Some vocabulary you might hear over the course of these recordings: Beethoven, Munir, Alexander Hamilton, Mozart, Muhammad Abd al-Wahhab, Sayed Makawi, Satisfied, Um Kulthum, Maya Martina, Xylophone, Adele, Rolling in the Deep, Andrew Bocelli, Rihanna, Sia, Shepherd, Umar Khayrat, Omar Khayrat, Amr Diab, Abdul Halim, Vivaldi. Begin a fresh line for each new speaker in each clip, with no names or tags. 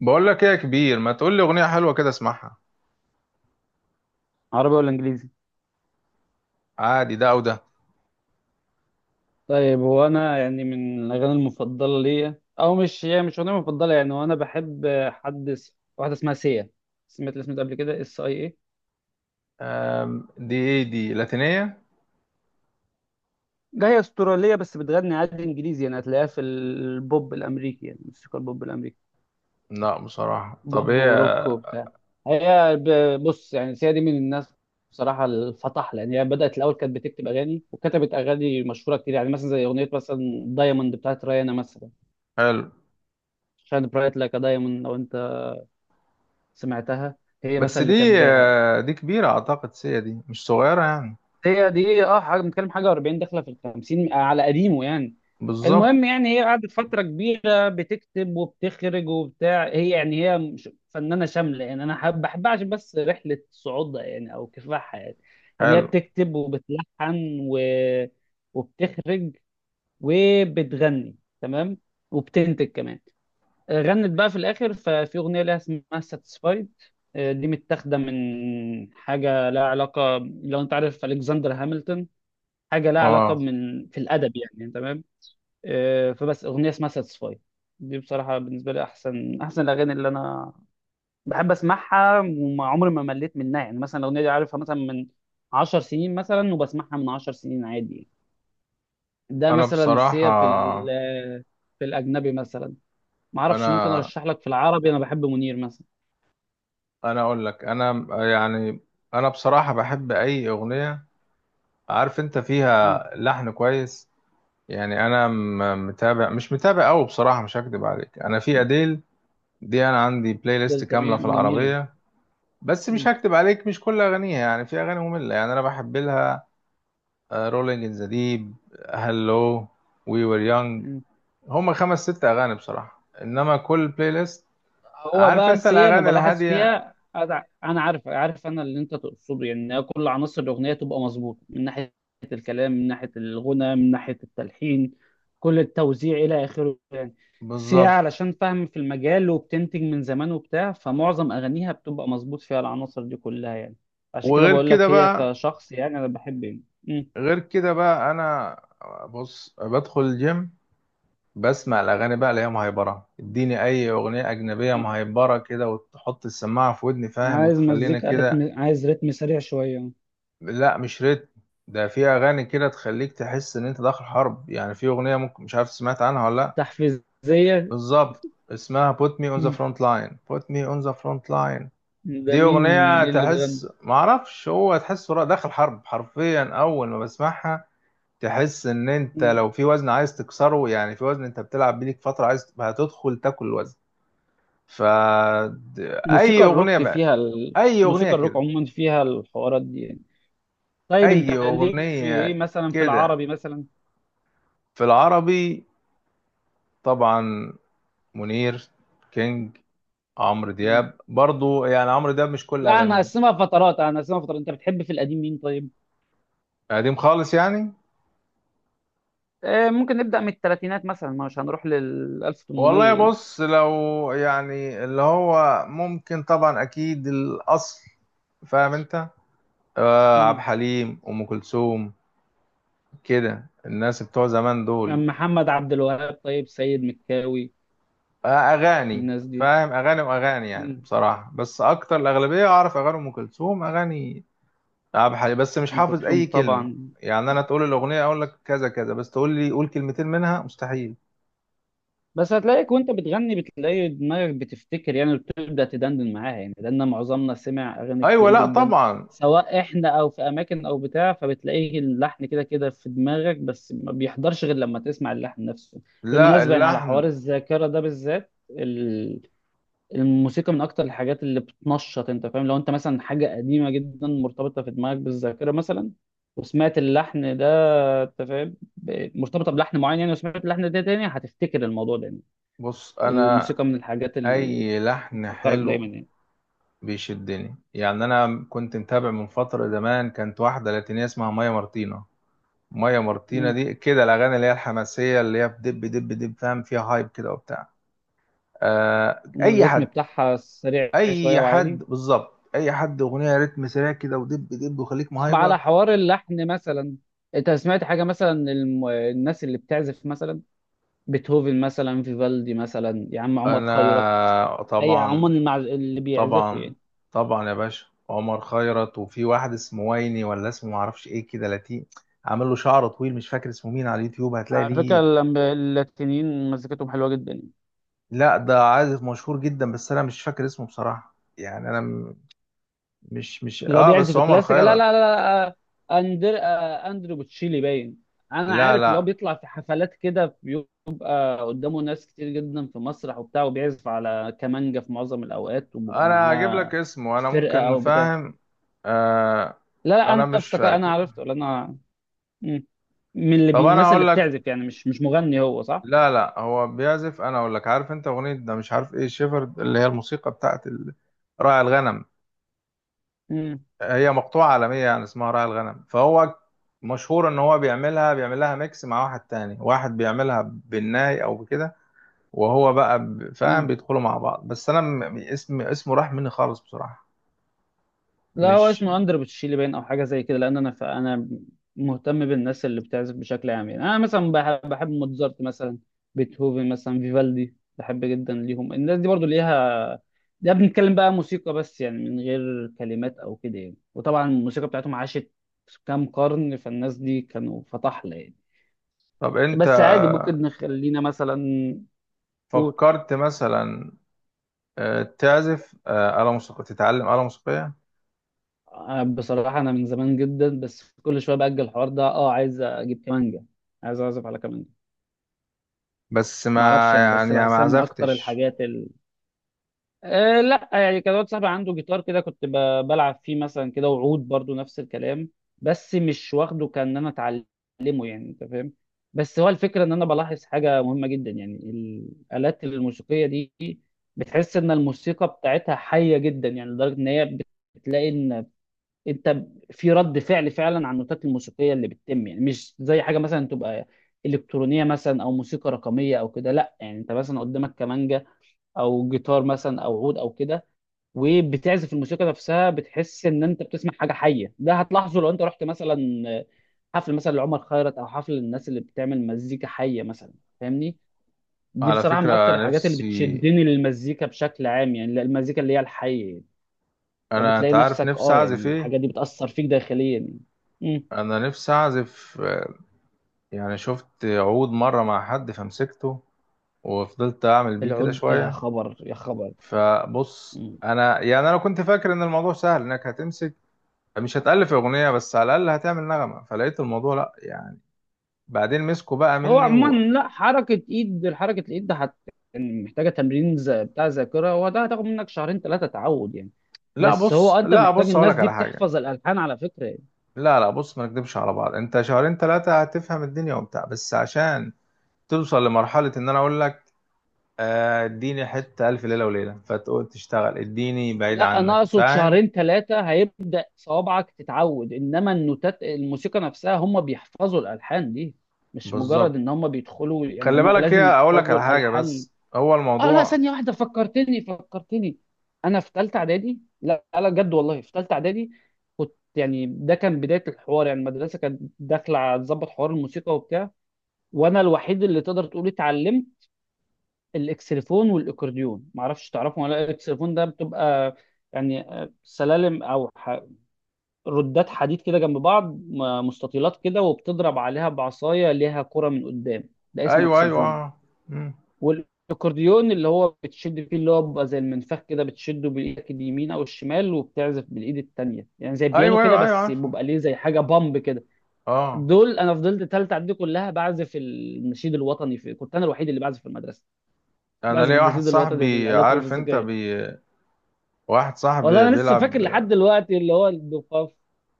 بقول لك ايه يا كبير؟ ما تقول لي اغنيه حلوه كده اسمعها.
عربي ولا انجليزي؟
عادي، ده او ده؟
طيب هو انا يعني من الاغاني المفضله ليا، او مش هي، مش اغنيه مفضله يعني، وانا بحب واحده اسمها سيا. سمعت الاسم ده قبل كده؟ اس اي اي.
دي ايه؟ دي لاتينيه؟
ده هي استراليه بس بتغني عادي انجليزي، يعني هتلاقيها في البوب الامريكي، يعني موسيقى البوب الامريكي،
لا بصراحه، طب
بوب وروك
ايه؟
وبتاع. بص يعني سيا دي من الناس بصراحه الفطح، لان هي بدات الاول كانت بتكتب اغاني، وكتبت اغاني مشهوره كتير، يعني مثلا زي اغنيه مثلا دايموند بتاعت ريانا مثلا،
حلو.
شاين برايت لايك دايموند، سمعتها؟ هي
بس
مثلا اللي
دي...
كاتباها.
دي كبيره، اعتقد سيا دي مش صغيره يعني.
هي دي حاجه بنتكلم، حاجه 40 داخله في ال 50 على قديمه يعني. المهم
بالظبط.
يعني هي قعدت فتره كبيره بتكتب وبتخرج وبتاع، هي يعني هي مش- فنانه شامله يعني، انا بحبها عشان بس رحله صعودها يعني، او كفاحها يعني. يعني هي
حلو.
بتكتب وبتلحن وبتخرج وبتغني تمام وبتنتج كمان. غنت بقى في الاخر، ففي اغنيه لها اسمها ساتسفايد، دي متاخده من حاجه لها علاقه، لو انت عارف الكسندر هامilton، حاجه لها علاقه
اه،
من في الادب يعني، تمام. فبس اغنيه اسمها ساتسفايد، دي بصراحه بالنسبه لي احسن احسن الاغاني اللي انا بحب اسمعها، وما عمري ما مليت منها يعني. مثلا الاغنيه دي عارفها مثلا من 10 سنين مثلا، وبسمعها من 10 سنين عادي يعني. ده
انا
مثلا سيا في
بصراحه،
ال- في الاجنبي مثلا ما اعرفش، ممكن
انا
ارشح لك. في العربي انا بحب منير مثلا.
انا اقول لك، انا يعني انا بصراحه بحب اي اغنيه عارف انت
مم.
فيها لحن كويس. يعني انا متابع، مش متابع قوي بصراحه، مش هكدب عليك، انا في
مم.
اديل دي انا عندي بلاي
ده
ليست كامله، في
تمام، جميلة.
العربيه. بس مش
مم.
هكتب عليك، مش كل اغانيها يعني، في اغاني ممله يعني. انا بحب لها رولينج ان ذا ديب، هالو، وي وير يونج.
مم.
هما خمس ست اغاني بصراحه، انما كل بلاي ليست
هو
عارف انت،
بس هي أنا
الاغاني
بلاحظ
الهاديه.
فيها، أنا عارف أنا اللي أنت تقصده، يعني إن كل عناصر الأغنية تبقى مظبوطة، من ناحية الكلام، من ناحية الغنى، من ناحية التلحين، كل التوزيع إلى آخره يعني. بس هي
بالظبط.
علشان فاهم في المجال وبتنتج من زمان وبتاع، فمعظم أغانيها بتبقى مظبوط فيها العناصر دي كلها يعني. عشان كده
وغير
بقول
كده
لك هي
بقى،
كشخص يعني أنا بحب يعني. مم.
غير كده بقى انا بص، بدخل الجيم بسمع الاغاني بقى اللي هي مهيبره. اديني اي اغنيه اجنبيه
مم.
مهيبره كده وتحط السماعه في ودني فاهم،
عايز
وتخلينا
مزيكا
كده.
رتم، عايز رتم سريع شوية.
لا مش ريتم، ده في اغاني كده تخليك تحس ان انت داخل حرب يعني. في اغنيه ممكن مش عارف سمعت عنها ولا لا.
تحفيزية.
بالظبط، اسمها put me on the
مم.
front line, put me on the front line.
ده
دي
مين؟
اغنيه
مين اللي بيغني؟
تحس معرفش هو، تحس داخل حرب حرفيا اول ما بسمعها. تحس ان انت
مم.
لو في وزن عايز تكسره، يعني في وزن انت بتلعب بيه ليك فتره، عايز هتدخل تاكل الوزن. ف... اي اغنيه بقى، اي اغنيه
موسيقى الروك
كده،
عموما فيها الحوارات دي يعني. طيب
اي
انت ليك في ايه
اغنيه
مثلا، في
كده.
العربي مثلا؟
في العربي طبعا، منير، كينج، عمرو
مم.
دياب برضو، يعني عمرو دياب مش كل
لا انا
اغانيه.
هقسمها فترات، انت بتحب في القديم مين طيب؟
قديم خالص يعني؟
آه ممكن نبدأ من الثلاثينات مثلا، مش هنروح لل
والله
1800 يعني.
بص، لو يعني اللي هو ممكن طبعا اكيد الاصل، فاهم انت. آه، عبد
مم.
الحليم، ام كلثوم، كده الناس بتوع زمان دول.
محمد عبد الوهاب، طيب سيد مكاوي،
آه اغاني،
الناس دي.
فاهم، اغاني واغاني يعني
مم.
بصراحه، بس اكتر الاغلبيه اعرف اغاني ام كلثوم، اغاني ألعاب حالي، بس مش
ام
حافظ
كلثوم
أي كلمة.
طبعا.
يعني أنا تقول الأغنية أقول لك كذا كذا، بس تقول لي قول كلمتين منها مستحيل.
بس هتلاقيك وانت بتغني بتلاقي دماغك بتفتكر يعني، وبتبدأ تدندن معاها يعني، لان معظمنا سمع اغاني
أيوة
كتير
لا
جدا،
طبعا.
سواء احنا او في اماكن او بتاع، فبتلاقي اللحن كده كده في دماغك، بس ما بيحضرش غير لما تسمع اللحن نفسه.
لا
بالمناسبة يعني، على حوار
اللحن.
الذاكرة ده بالذات الموسيقى من اكتر الحاجات اللي بتنشط، انت فاهم، لو انت مثلا حاجة قديمة جدا مرتبطة في دماغك بالذاكرة مثلا وسمعت اللحن ده، انت فاهم، مرتبطة بلحن معين يعني، وسمعت اللحن ده تاني، هتفتكر الموضوع ده.
بص أنا
الموسيقى من الحاجات اللي
أي لحن
بتفكرك
حلو
دايما يعني.
بيشدني يعني. أنا كنت متابع من فترة زمان، كانت واحدة لاتينية اسمها مايا مارتينا. مايا مارتينا
مم.
دي كده الأغاني اللي هي الحماسية، اللي هي بدب دب دب فاهم، فيها هايب كده وبتاع. آه أي
الريتم
حد،
بتاعها سريع شوية
أي حد
وعالي.
بالظبط، أي حد أغنية رتم سريع كده ودب دب وخليك
طب
مهايبر.
على حوار اللحن مثلا، انت سمعت حاجة مثلا الناس اللي بتعزف مثلا بيتهوفن مثلا، فيفالدي مثلا، يا عم عمر خيرت،
انا
اي عموما
طبعا
اللي بيعزفوا
طبعا.
يعني.
طبعا يا باشا، عمر خيرت، وفي واحد اسمه ويني، ولا اسمه معرفش ايه كده، لاتيه، عامل له شعر طويل، مش فاكر اسمه مين، على اليوتيوب هتلاقي
على فكرة
ليه.
اللاتينيين مزيكتهم حلوة جدا يعني.
لا ده عازف مشهور جدا بس انا مش فاكر اسمه بصراحة يعني. مش
اللي هو
اه، بس
بيعزف
عمر
الكلاسيك، لا لا
خيرت.
لا لا، اندرو بوتشيلي باين. انا
لا
عارف اللي هو
لا،
بيطلع في حفلات كده، بيبقى قدامه ناس كتير جدا في مسرح وبتاع، وبيعزف على كمانجا في معظم الاوقات، وبيبقى
انا هجيب لك
معاه
اسمه انا،
فرقه
ممكن
او بتاع.
فاهم. آه.
لا لا
انا
انا
مش
افتكر انا
فاكر.
عرفت ولا انا. مم.
طب انا
الناس اللي
هقول لك،
بتعزف يعني، مش مغني هو، صح؟
لا لا هو بيعزف، انا اقول لك، عارف انت اغنيه ده مش عارف ايه شيفرد، اللي هي الموسيقى بتاعت راعي الغنم.
مم.
هي مقطوعه عالميه يعني، اسمها راعي الغنم، فهو مشهور ان هو بيعملها، بيعمل لها ميكس مع واحد تاني، واحد بيعملها بالناي او بكده، وهو بقى فاهم،
مم.
بيدخلوا مع بعض. بس انا اسمه راح مني خالص بصراحه،
لا هو
مش...
اسمه اندر بتشيلي باين او حاجه زي كده، لان انا مهتم بالناس اللي بتعزف بشكل عام يعني، انا مثلا بحب موتزارت مثلا، بيتهوفن مثلا، فيفالدي، بحب جدا ليهم الناس دي، برضو ليها. ده بنتكلم بقى موسيقى بس يعني، من غير كلمات او كده يعني، وطبعا الموسيقى بتاعتهم عاشت كام قرن، فالناس دي كانوا فطحلة يعني.
طب انت
بس عادي ممكن نخلينا مثلا. قول.
فكرت مثلا تعزف آلة موسيقية، تتعلم آلة موسيقية؟
بصراحة أنا من زمان جدا، بس كل شوية بأجل الحوار ده، عايز أجيب كمانجة، عايز أعزف على كمانجة.
بس
ما اعرفش
ما
يعني، بس
يعني ما
بحسها من اكتر
عزفتش.
الحاجات أه لا يعني، كان واحد صاحبي عنده جيتار كده، بلعب فيه مثلا كده، وعود برضو نفس الكلام، بس مش واخده كان انا اتعلمه يعني، انت فاهم. بس هو الفكره، ان انا بلاحظ حاجه مهمه جدا يعني، الالات الموسيقيه دي بتحس ان الموسيقى بتاعتها حيه جدا يعني، لدرجه ان هي بتلاقي ان انت في رد فعل فعلا على النوتات الموسيقيه اللي بتتم يعني، مش زي حاجه مثلا تبقى الكترونيه مثلا، او موسيقى رقميه او كده. لا يعني انت مثلا قدامك كمانجا، او جيتار مثلا، او عود او كده، وبتعزف الموسيقى نفسها بتحس ان انت بتسمع حاجه حيه. ده هتلاحظه لو انت رحت مثلا حفل مثلا لعمر خيرت، او حفل للناس اللي بتعمل مزيكا حيه مثلا، فاهمني؟ دي
على
بصراحه من اكتر
فكرة
الحاجات اللي
نفسي،
بتشدني للمزيكا بشكل عام يعني، المزيكا اللي هي الحيه.
أنا
فبتلاقي
أنت عارف
نفسك،
نفسي
اه
أعزف
يعني،
إيه؟
الحاجات دي بتأثر فيك داخليا يعني. مم.
أنا نفسي أعزف يعني شفت عود مرة مع حد فمسكته، وفضلت أعمل بيه كده
العود، يا
شوية.
خبر يا خبر.
فبص
مم.
أنا يعني، أنا كنت فاكر إن الموضوع سهل، إنك هتمسك مش هتألف أغنية، بس على الأقل هتعمل نغمة. فلقيت الموضوع لأ يعني، بعدين مسكوا بقى
هو
مني
عموما
و...
لا، حركة الايد ده يعني محتاجة تمرين، بتاع ذاكرة، وده هتاخد منك شهرين ثلاثة تعود يعني.
لا
بس هو
بص،
انت
لا
محتاج،
بص
الناس
أقولك
دي
على حاجة.
بتحفظ الالحان على فكرة يعني.
لا لا بص، ما نكدبش على بعض، أنت شهرين ثلاثة هتفهم الدنيا وبتاع، بس عشان توصل لمرحلة إن أنا أقول لك اديني حتة ألف ليلة وليلة، فتقول تشتغل اديني بعيد
لا انا
عنك،
اقصد
فاهم.
شهرين ثلاثة هيبدأ صوابعك تتعود، انما النوتات الموسيقى نفسها هم بيحفظوا الالحان دي، مش
بالظبط.
مجرد ان هم بيدخلوا يعني،
خلي
هم
بالك هي،
لازم
أقول لك
يحفظوا
على حاجة،
الالحان.
بس هو
اه لا،
الموضوع...
ثانية واحدة، فكرتني فكرتني، أنا في تالتة إعدادي، لا لا بجد والله في تالتة إعدادي، كنت يعني ده كان بداية الحوار يعني، المدرسة كانت داخلة على تظبط حوار الموسيقى وبتاع، وأنا الوحيد اللي تقدر تقول اتعلمت الإكسليفون والإكورديون، معرفش تعرفهم ولا لأ. الإكسليفون ده بتبقى يعني سلالم، ردات حديد كده جنب بعض، مستطيلات كده وبتضرب عليها بعصاية ليها كرة من قدام، ده اسمه
أيوه
إكسليفون.
أيوه. مم.
والاكورديون اللي هو بتشد فيه، اللي هو بيبقى زي المنفخ كده، بتشده بالايدك اليمين او الشمال وبتعزف بالايد التانية، يعني زي البيانو
أيوه
كده،
أيوه أيوه،
بس
عارفه.
بيبقى ليه زي حاجه بامب كده.
أه.
دول انا فضلت تالتة اعدادي كلها بعزف النشيد الوطني في، كنت انا الوحيد اللي بعزف في المدرسه،
أنا
بعزف
ليا واحد
النشيد الوطني
صاحبي،
بالالات
عارف أنت
الموسيقيه.
بي... واحد صاحبي
والله انا لسه فاكر
بيلعب...
لحد دلوقتي اللي هو الدوفاف،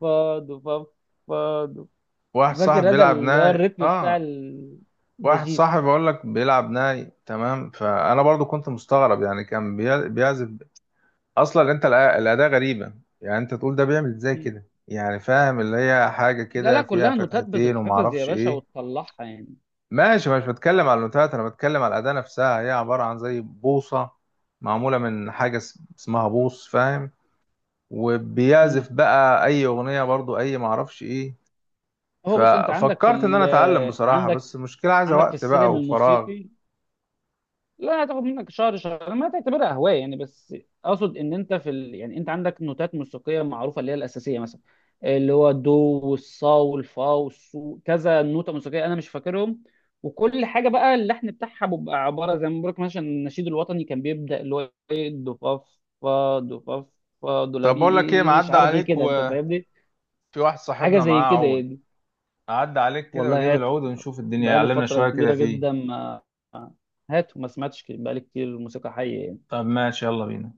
فا دوفاف، فا دوف.
واحد صاحبي
فاكر هذا
بيلعب
اللي هو
ناي،
الريتم بتاع
أه. واحد
النشيد.
صاحبي بقول لك بيلعب ناي تمام، فأنا برضو كنت مستغرب يعني، كان بي... بيعزف. اصلا انت الاداة غريبة يعني، انت تقول ده بيعمل ازاي كده يعني فاهم، اللي هي حاجة
لا لا
كده فيها
كلها نوتات
فتحتين وما
بتتحفظ يا
اعرفش
باشا
ايه.
وتطلعها يعني.
ماشي، مش بتكلم على النوتات، انا بتكلم على الاداة نفسها، هي عبارة عن زي بوصة معمولة من حاجة اسمها بوص فاهم، وبيعزف بقى اي اغنية برضو، اي ما اعرفش ايه.
هو بص انت عندك في
ففكرت ان انا
ال
اتعلم بصراحة،
عندك
بس المشكلة عايزة
عندك في
وقت
السلم
بقى وفراغ.
الموسيقي. لا هتاخد منك شهر شهر ما تعتبرها هوايه يعني بس. اقصد ان انت في يعني انت عندك نوتات موسيقيه معروفه اللي هي الاساسيه مثلا، اللي هو الدو والصا والفا والصو، كذا نوته موسيقيه انا مش فاكرهم. وكل حاجه بقى اللحن بتاعها بيبقى عباره، زي ما بقولك مثلا النشيد الوطني كان بيبدا اللي هو ايه، دو فا، فا دو فا، فا دو لا
طب بقول لك ايه،
مي، مش
معدي
عارف ايه
عليك
كده، انت
وفي
فاهمني،
واحد
حاجه
صاحبنا
زي
معاه
كده
عود،
يعني.
اعدي عليك كده واجيب
والله
العود ونشوف الدنيا
بقالي
يعلمنا
فترة
شوية كده
كبيرة
فيه.
جدا ما هاتوا، ما سمعتش بقالي كتير موسيقى حية يعني.
طب ماشي، يلا بينا.